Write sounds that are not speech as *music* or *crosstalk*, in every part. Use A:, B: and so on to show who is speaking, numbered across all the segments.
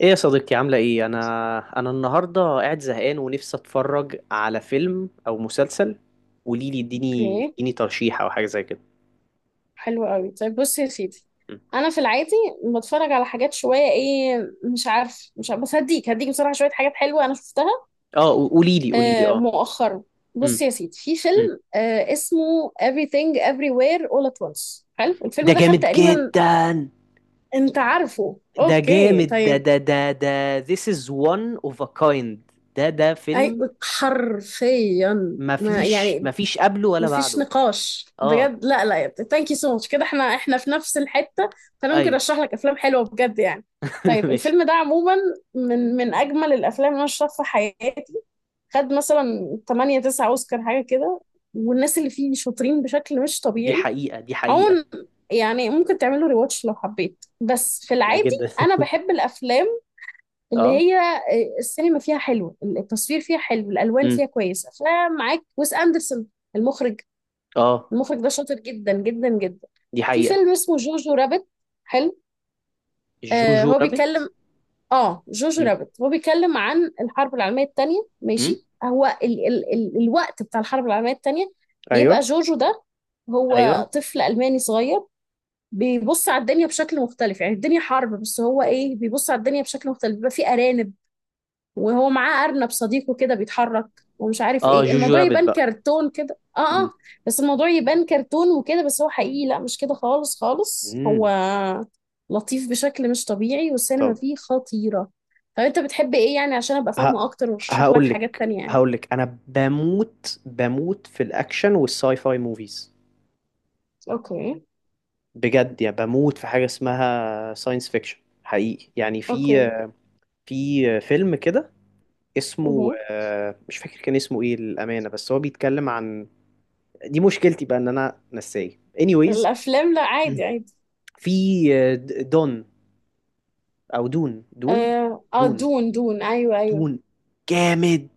A: ايه يا صديقتي، عاملة ايه؟ انا النهاردة قاعد زهقان ونفسي اتفرج على فيلم او مسلسل. قوليلي، اديني
B: اوكي،
A: اديني ترشيح او حاجة زي كده.
B: حلو قوي. طيب بص يا سيدي،
A: مم.
B: انا في العادي بتفرج على حاجات شويه. ايه، مش عارف، بس هديك بصراحه شويه حاجات حلوه انا شفتها
A: اه، قوليلي قوليلي، اه.
B: مؤخرا. بص
A: مم.
B: يا سيدي، في
A: مم.
B: فيلم اسمه Everything Everywhere All at Once. حلو
A: ده
B: الفيلم ده، خد
A: جامد
B: تقريبا.
A: جدا.
B: انت عارفه؟
A: ده
B: اوكي،
A: جامد، ده
B: طيب.
A: ده ده ده this is one of a kind. ده
B: اي،
A: فيلم،
B: حرفيا، ما
A: مفيش
B: يعني
A: مفيش قبله ولا
B: مفيش
A: بعده.
B: نقاش
A: اه،
B: بجد. لا لا يا ابني، ثانك يو سو ماتش. كده احنا في نفس الحتة، فانا ممكن
A: ايوه.
B: ارشح لك افلام حلوة بجد يعني.
A: *laughs*
B: طيب
A: ماشي.
B: الفيلم ده عموما من اجمل الافلام اللي انا شفتها في حياتي. خد مثلا 8 9 اوسكار حاجة كده، والناس اللي فيه شاطرين بشكل مش
A: دي
B: طبيعي.
A: حقيقة، دي حقيقة.
B: عموما يعني ممكن تعملوا ريواتش لو حبيت. بس في
A: لا،
B: العادي
A: جدا.
B: انا
A: *laughs*
B: بحب الافلام اللي
A: اه.
B: هي السينما فيها حلوة، التصوير فيها حلو، الالوان
A: مم.
B: فيها كويسة. فمعاك ويس اندرسون، المخرج
A: اه.
B: المخرج ده شاطر جدا جدا جدا.
A: دي
B: في
A: حقيقة.
B: فيلم اسمه جوجو رابت، حلو.
A: جوجو
B: هو بيتكلم.
A: رابت.
B: اه جوجو رابت هو بيتكلم عن الحرب العالمية التانية.
A: امم
B: ماشي، هو ال ال ال الوقت بتاع الحرب العالمية التانية. بيبقى
A: ايوه،
B: جوجو ده
A: ايوه.
B: هو طفل ألماني صغير، بيبص على الدنيا بشكل مختلف. يعني الدنيا حرب بس هو ايه، بيبص على الدنيا بشكل مختلف. بيبقى في أرانب، وهو معاه أرنب صديقه كده بيتحرك. ومش عارف
A: اه،
B: ايه،
A: جوجو
B: الموضوع
A: رابت
B: يبان
A: بقى.
B: كرتون كده.
A: مم.
B: اه بس الموضوع يبان كرتون وكده، بس هو حقيقي. لا مش كده خالص خالص، هو
A: مم.
B: لطيف بشكل مش طبيعي والسينما
A: طب،
B: فيه خطيرة. طب انت بتحب ايه يعني، عشان ابقى فاهمة
A: ه...
B: اكتر وارشح لك
A: هقول
B: حاجات
A: لك
B: تانية يعني؟
A: هقول لك انا بموت في الاكشن والساي فاي موفيز.
B: اوكي،
A: بجد يا، بموت في حاجه اسمها ساينس فيكشن حقيقي، يعني في
B: اوكي،
A: في فيلم كده اسمه،
B: اها.
A: مش فاكر كان اسمه ايه للامانه، بس هو بيتكلم عن... دي مشكلتي بقى ان انا نساي. Anyways.
B: الافلام، لا
A: مم.
B: عادي عادي.
A: في دون، او دون، دون،
B: اه،
A: دون،
B: دون دون، ايوه ايوه،
A: دون جامد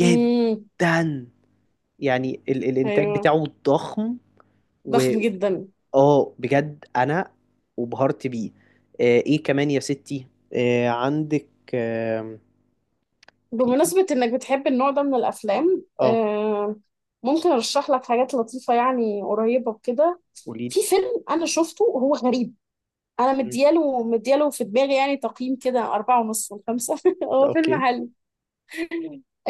B: امم،
A: يعني الانتاج
B: ايوه،
A: بتاعه ضخم. و...
B: ضخم جدا.
A: اه بجد انا وبهرت بيه. ايه كمان يا ستي؟ عندك، آه في
B: بمناسبة إنك بتحب النوع ده من الأفلام،
A: اه...
B: ممكن أرشح لك حاجات لطيفة يعني قريبة وكده.
A: قولي لي.
B: في فيلم أنا شفته وهو غريب، أنا
A: مم.
B: مدياله في دماغي يعني تقييم كده 4.5 من 5. *laughs* هو
A: اوكي.
B: فيلم حلو.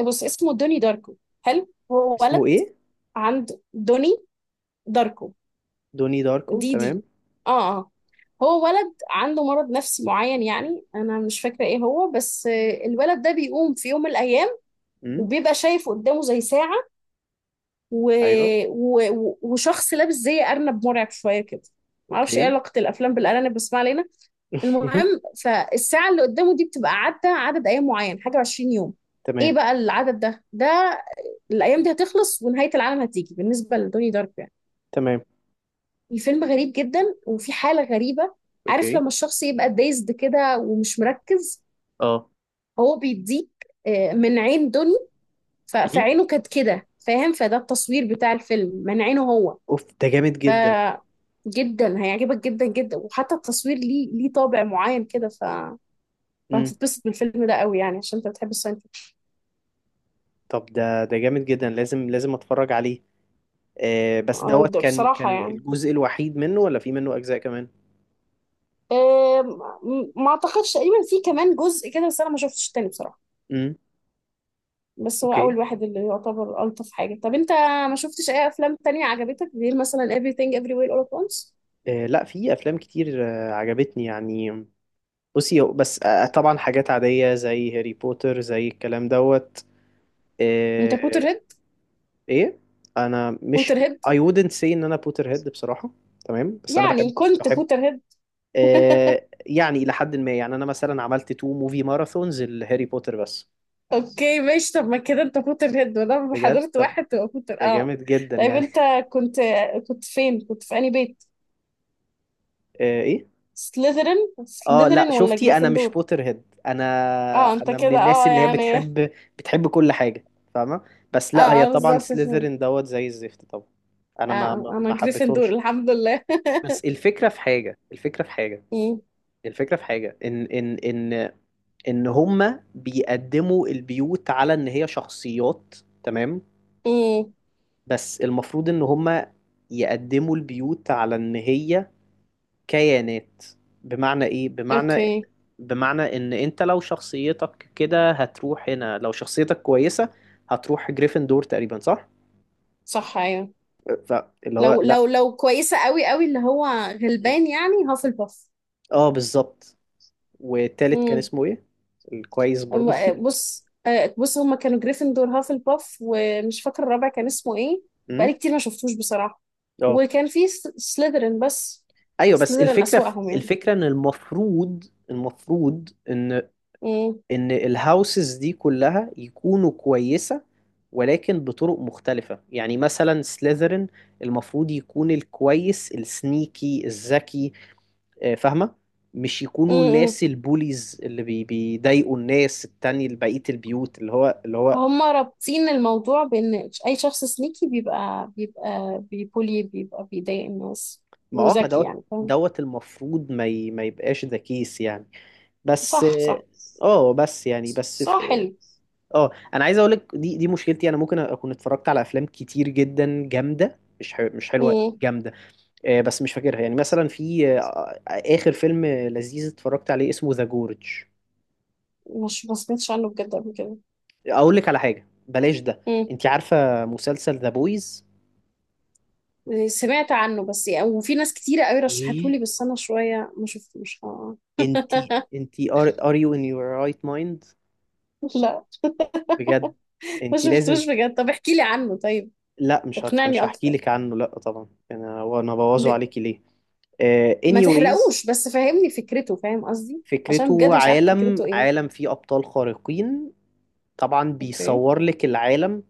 B: بص، اسمه دوني داركو. حلو، هو
A: اسمه
B: ولد.
A: ايه؟
B: عند دوني داركو،
A: دوني داركو،
B: دي
A: تمام.
B: دي آه آه هو ولد عنده مرض نفسي معين. يعني أنا مش فاكرة إيه هو بس، الولد ده بيقوم في يوم من الأيام
A: امم.
B: وبيبقى شايف قدامه زي ساعة، و...
A: ايوه.
B: وشخص لابس زي أرنب مرعب شوية كده. معرفش ايه
A: اوكي.
B: علاقة الأفلام بالأرانب، بس ما علينا.
A: *laughs*
B: المهم، فالساعة اللي قدامه دي بتبقى عدى عدد أيام معين، حاجة وعشرين يوم. ايه
A: تمام،
B: بقى العدد ده؟ الأيام دي هتخلص ونهاية العالم هتيجي بالنسبة لدوني دارك يعني.
A: تمام.
B: الفيلم غريب جدا وفي حالة غريبة. عارف
A: اوكي،
B: لما الشخص يبقى دايزد كده ومش مركز؟
A: اه.
B: هو بيديك من عين دوني.
A: مم.
B: فعينه كانت كده، فاهم؟ فده التصوير بتاع الفيلم من عينه هو.
A: اوف، ده جامد
B: ف
A: جدا.
B: جدا هيعجبك جدا جدا. وحتى التصوير ليه طابع معين كده.
A: امم.
B: فهتتبسط بالفيلم ده قوي يعني، عشان انت بتحب الساينس فيكشن.
A: طب، ده جامد جدا، لازم لازم اتفرج عليه. بس دوت،
B: ده
A: كان
B: بصراحة
A: كان
B: يعني،
A: الجزء الوحيد منه ولا في منه أجزاء كمان؟
B: آم، ما اعتقدش. تقريبا في كمان جزء كده بس انا ما شفتش التاني بصراحة.
A: امم.
B: بس هو
A: اوكي.
B: اول واحد اللي يعتبر الطف حاجة. طب انت ما شفتش اي افلام تانية عجبتك غير مثلا Everything Everywhere All at Once؟
A: لا، في أفلام كتير عجبتني، يعني بصي، بس طبعا حاجات عادية زي هاري بوتر، زي الكلام دوت.
B: انت بوتر
A: آه،
B: هيد؟
A: ايه؟ انا
B: بوتر
A: مش...
B: هيد
A: I wouldn't say ان انا بوتر هيد بصراحة. تمام، بس انا بحب،
B: يعني، كنت
A: بحب
B: بوتر هيد؟
A: يعني الى حد ما. يعني انا مثلا عملت تو موفي ماراثونز لهاري بوتر بس.
B: اوكي ماشي. طب ما كده انت فوتر هيد وانا
A: بجد؟
B: حضرت،
A: طب،
B: واحد تبقى فوتر،
A: ده
B: اه.
A: جامد جدا
B: طيب
A: يعني.
B: انت
A: *laughs*
B: كنت كنت فين؟ كنت في انهي بيت؟
A: ايه؟
B: سليذرين
A: اه لا،
B: سليذرين ولا
A: شفتي، انا مش
B: جريفندور؟
A: بوتر هيد. انا
B: اه انت
A: انا من
B: كده،
A: الناس
B: اه
A: اللي هي
B: يعني.
A: بتحب كل حاجه، فاهمه. بس لا،
B: اه
A: هي
B: اه،
A: طبعا
B: بالظبط، فهمت.
A: سليذرين دوت زي الزفت طبعا.
B: اه،
A: انا ما ما
B: انا
A: ما
B: جريفندور
A: حبيتهمش.
B: الحمد لله.
A: بس الفكره في حاجه، الفكره في حاجه،
B: امم،
A: الفكره في حاجه، ان ان هما بيقدموا البيوت على ان هي شخصيات، تمام؟
B: امم،
A: بس المفروض ان هما يقدموا البيوت على ان هي كيانات. بمعنى ايه؟ بمعنى،
B: اوكي،
A: بمعنى ان انت لو شخصيتك كده هتروح هنا، لو شخصيتك كويسة هتروح جريفندور تقريبا، صح؟
B: صح، ايوه.
A: فاللي هو
B: لو
A: لا.
B: لو لو كويسة قوي قوي، اللي هو
A: م.
B: غلبان يعني، هافلباف.
A: اه، بالظبط. والتالت كان
B: امم.
A: اسمه ايه؟ الكويس برضو. *laughs*
B: بص، بص، هما كانوا جريفندور، هافلباف، ومش فاكرة الرابع كان اسمه ايه.
A: امم.
B: بقالي كتير ما شفتوش بصراحة.
A: اه،
B: وكان في سليذرين بس.
A: ايوه. بس
B: سليذرين
A: الفكرة في
B: أسوأهم يعني.
A: الفكرة، ان المفروض ان
B: مم.
A: ان الهاوسز دي كلها يكونوا كويسة، ولكن بطرق مختلفة. يعني مثلا سليذرين، المفروض يكون الكويس السنيكي الذكي، فاهمة؟ مش
B: مم.
A: يكونوا
B: مم.
A: الناس البوليز اللي بيضايقوا الناس التانية، بقية البيوت، اللي هو
B: هما رابطين الموضوع بإن أي شخص سنيكي بيبقى بيبولي، بيبقى بيضايق الناس
A: ما اه، ما
B: وذكي،
A: دوت.
B: يعني فاهم.
A: دوت المفروض ما يبقاش ذا كيس، يعني. بس
B: صح صح.
A: اه. بس يعني بس.
B: صح، حلو.
A: اه، انا عايز اقول لك، دي مشكلتي. انا ممكن اكون اتفرجت على افلام كتير جدا جامده، مش حلوه،
B: مم.
A: جامده بس مش فاكرها. يعني مثلا في اخر فيلم لذيذ اتفرجت عليه اسمه ذا جورج.
B: مش ما سمعتش عنه بجد قبل كده.
A: اقول لك على حاجه، بلاش ده. انت عارفه مسلسل ذا بويز؟
B: سمعت عنه بس يعني، وفي ناس كتيرة قوي رشحته
A: ايه،
B: لي، بس انا شوية ما شفتوش.
A: انت انت ار يو ان يور رايت مايند؟
B: *laughs* لا،
A: بجد؟
B: ما
A: انت لازم...
B: شفتوش بجد. طب احكي لي عنه طيب،
A: لا،
B: اقنعني
A: مش هحكي
B: اكتر.
A: لك عنه، لا طبعا، انا وانا بوظه
B: ل-
A: عليكي ليه؟
B: ما
A: Anyways.
B: تحرقوش بس فهمني فكرته، فاهم قصدي؟ عشان
A: فكرته
B: بجد مش عارف
A: عالم،
B: فكرته ايه.
A: عالم فيه أبطال خارقين. طبعا
B: اوكي.
A: بيصور لك العالم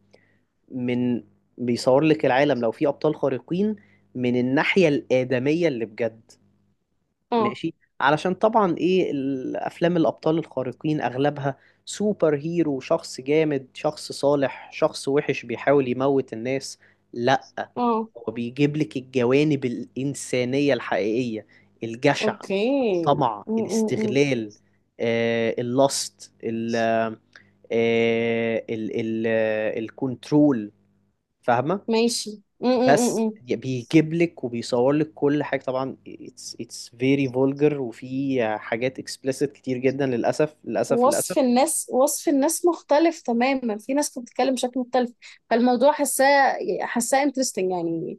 A: من... بيصور لك العالم لو فيه أبطال خارقين، من الناحية الآدمية اللي بجد،
B: اه،
A: ماشي؟ علشان طبعا إيه، الأفلام الأبطال الخارقين أغلبها سوبر هيرو، شخص جامد، شخص صالح، شخص وحش بيحاول يموت الناس. لأ،
B: اه،
A: هو بيجيب لك الجوانب الإنسانية الحقيقية: الجشع،
B: اوكي.
A: الطمع،
B: م -م -م.
A: الاستغلال، اللاست ال آه، ال ال آه، الكنترول، فاهمة؟
B: ماشي. م -م -م.
A: بس
B: م.
A: بيجيب لك وبيصور لك كل حاجة. طبعا it's very vulgar، وفي حاجات explicit كتير جدا، للأسف، للأسف، للأسف.
B: وصف الناس مختلف تماما، في ناس بتتكلم بشكل مختلف. فالموضوع حاساه انترستنج يعني.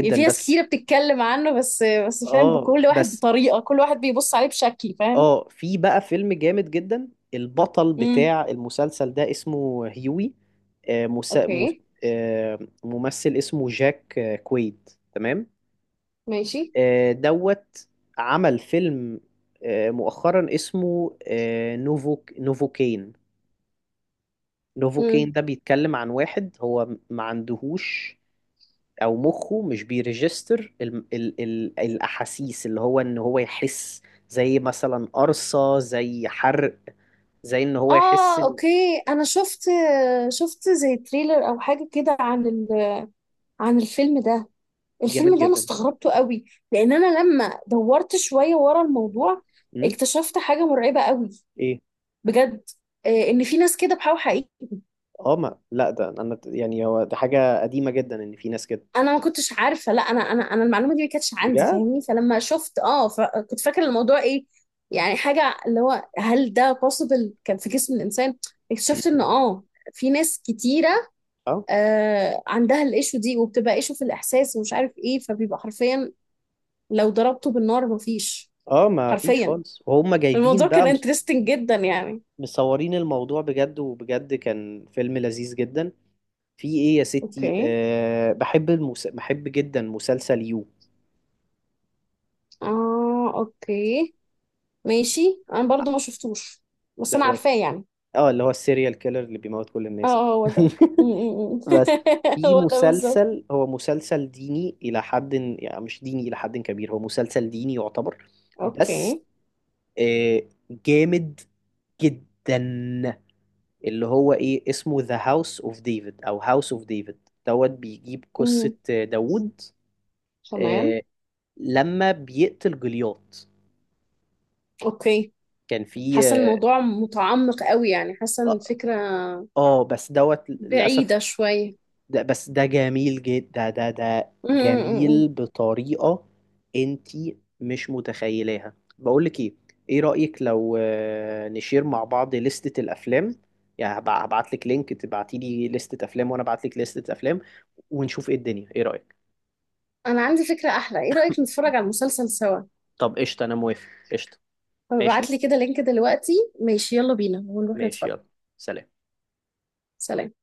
B: يعني في ناس
A: بس
B: كتيرة بتتكلم عنه، بس فاهم،
A: اه،
B: بكل واحد
A: بس
B: بطريقة، كل واحد بيبص عليه بشكل، فاهم.
A: اه في بقى فيلم جامد جدا. البطل
B: امم،
A: بتاع المسلسل ده اسمه هيوي، آه، مسا... مس...
B: اوكي،
A: آه، ممثل اسمه جاك كويد، تمام؟
B: ماشي.
A: دوت عمل فيلم مؤخرا اسمه نوفوكين. نوفوكين
B: امم،
A: ده بيتكلم عن واحد هو ما عندهوش، او مخه مش بيرجستر ال الاحاسيس، اللي هو ان هو يحس، زي مثلا قرصة، زي حرق، زي ان هو يحس
B: اه، اوكي، انا شفت زي تريلر او حاجة كده عن عن الفيلم ده.
A: جامد
B: الفيلم ده انا
A: جدا.
B: استغربته قوي، لان انا لما دورت شوية ورا الموضوع،
A: امم.
B: اكتشفت حاجة مرعبة قوي.
A: ايه؟
B: بجد، ان في ناس كده بحاول حقيقي.
A: اه، ما لا، ده انا يعني هو ده حاجة قديمة جدا ان في ناس كده.
B: انا ما كنتش عارفه، لا، انا انا المعلومه دي ما كانتش عندي،
A: بجد.
B: فاهمني؟ فلما شفت، فكنت فاكره الموضوع ايه يعني، حاجه اللي هو هل ده possible كان في جسم الانسان. اكتشفت ان
A: مم.
B: في ناس كتيره
A: اه
B: عندها الايشو دي، وبتبقى ايشو في الاحساس ومش عارف ايه، فبيبقى حرفيا لو ضربته بالنار مفيش.
A: اه ما فيش
B: حرفيا
A: خالص، وهم
B: الموضوع
A: جايبين بقى
B: كان انترستنج جدا يعني.
A: مصورين الموضوع بجد، وبجد كان فيلم لذيذ جدا. في ايه يا ستي؟
B: اوكي.
A: أه، بحب جدا مسلسل يو
B: اه، اوكي، ماشي، انا برضو ما شفتوش بس انا
A: دوت.
B: عارفاه يعني.
A: اه، اللي هو السيريال كيلر اللي بيموت كل
B: اه
A: الناس.
B: اه، هو ده.
A: *laughs*
B: م- م- م.
A: بس
B: *laughs*
A: في
B: هو ده بالظبط.
A: مسلسل، هو مسلسل ديني إلى حد، يعني مش ديني إلى حد كبير، هو مسلسل ديني يعتبر، بس
B: اوكي،
A: آه، جامد جدا. اللي هو ايه، اسمه ذا هاوس اوف ديفيد او هاوس اوف ديفيد دوت. بيجيب قصة
B: امم،
A: داوود
B: تمام،
A: آه، لما بيقتل جولياث.
B: اوكي.
A: كان في
B: حاسه الموضوع متعمق قوي يعني، حاسه ان
A: اه
B: الفكره
A: بس دوت للأسف
B: بعيده شويه.
A: ده. بس ده جميل جدا، ده
B: م- م- م-
A: جميل
B: م.
A: بطريقة انتي مش متخيلاها. بقولك ايه، ايه رأيك لو نشير مع بعض لستة الافلام؟ يعني هبعتلك لينك، تبعتيلي لستة افلام وانا ابعتلك لستة افلام، ونشوف ايه الدنيا، ايه رأيك؟
B: انا عندي فكره احلى، ايه رايك نتفرج على المسلسل سوا؟
A: طب قشطة، أنا موافق، قشطة. ماشي.
B: فبعت لي كده لينك دلوقتي. ماشي، يلا بينا ونروح
A: ماشي،
B: نتفرج.
A: يلا. سلام.
B: سلام.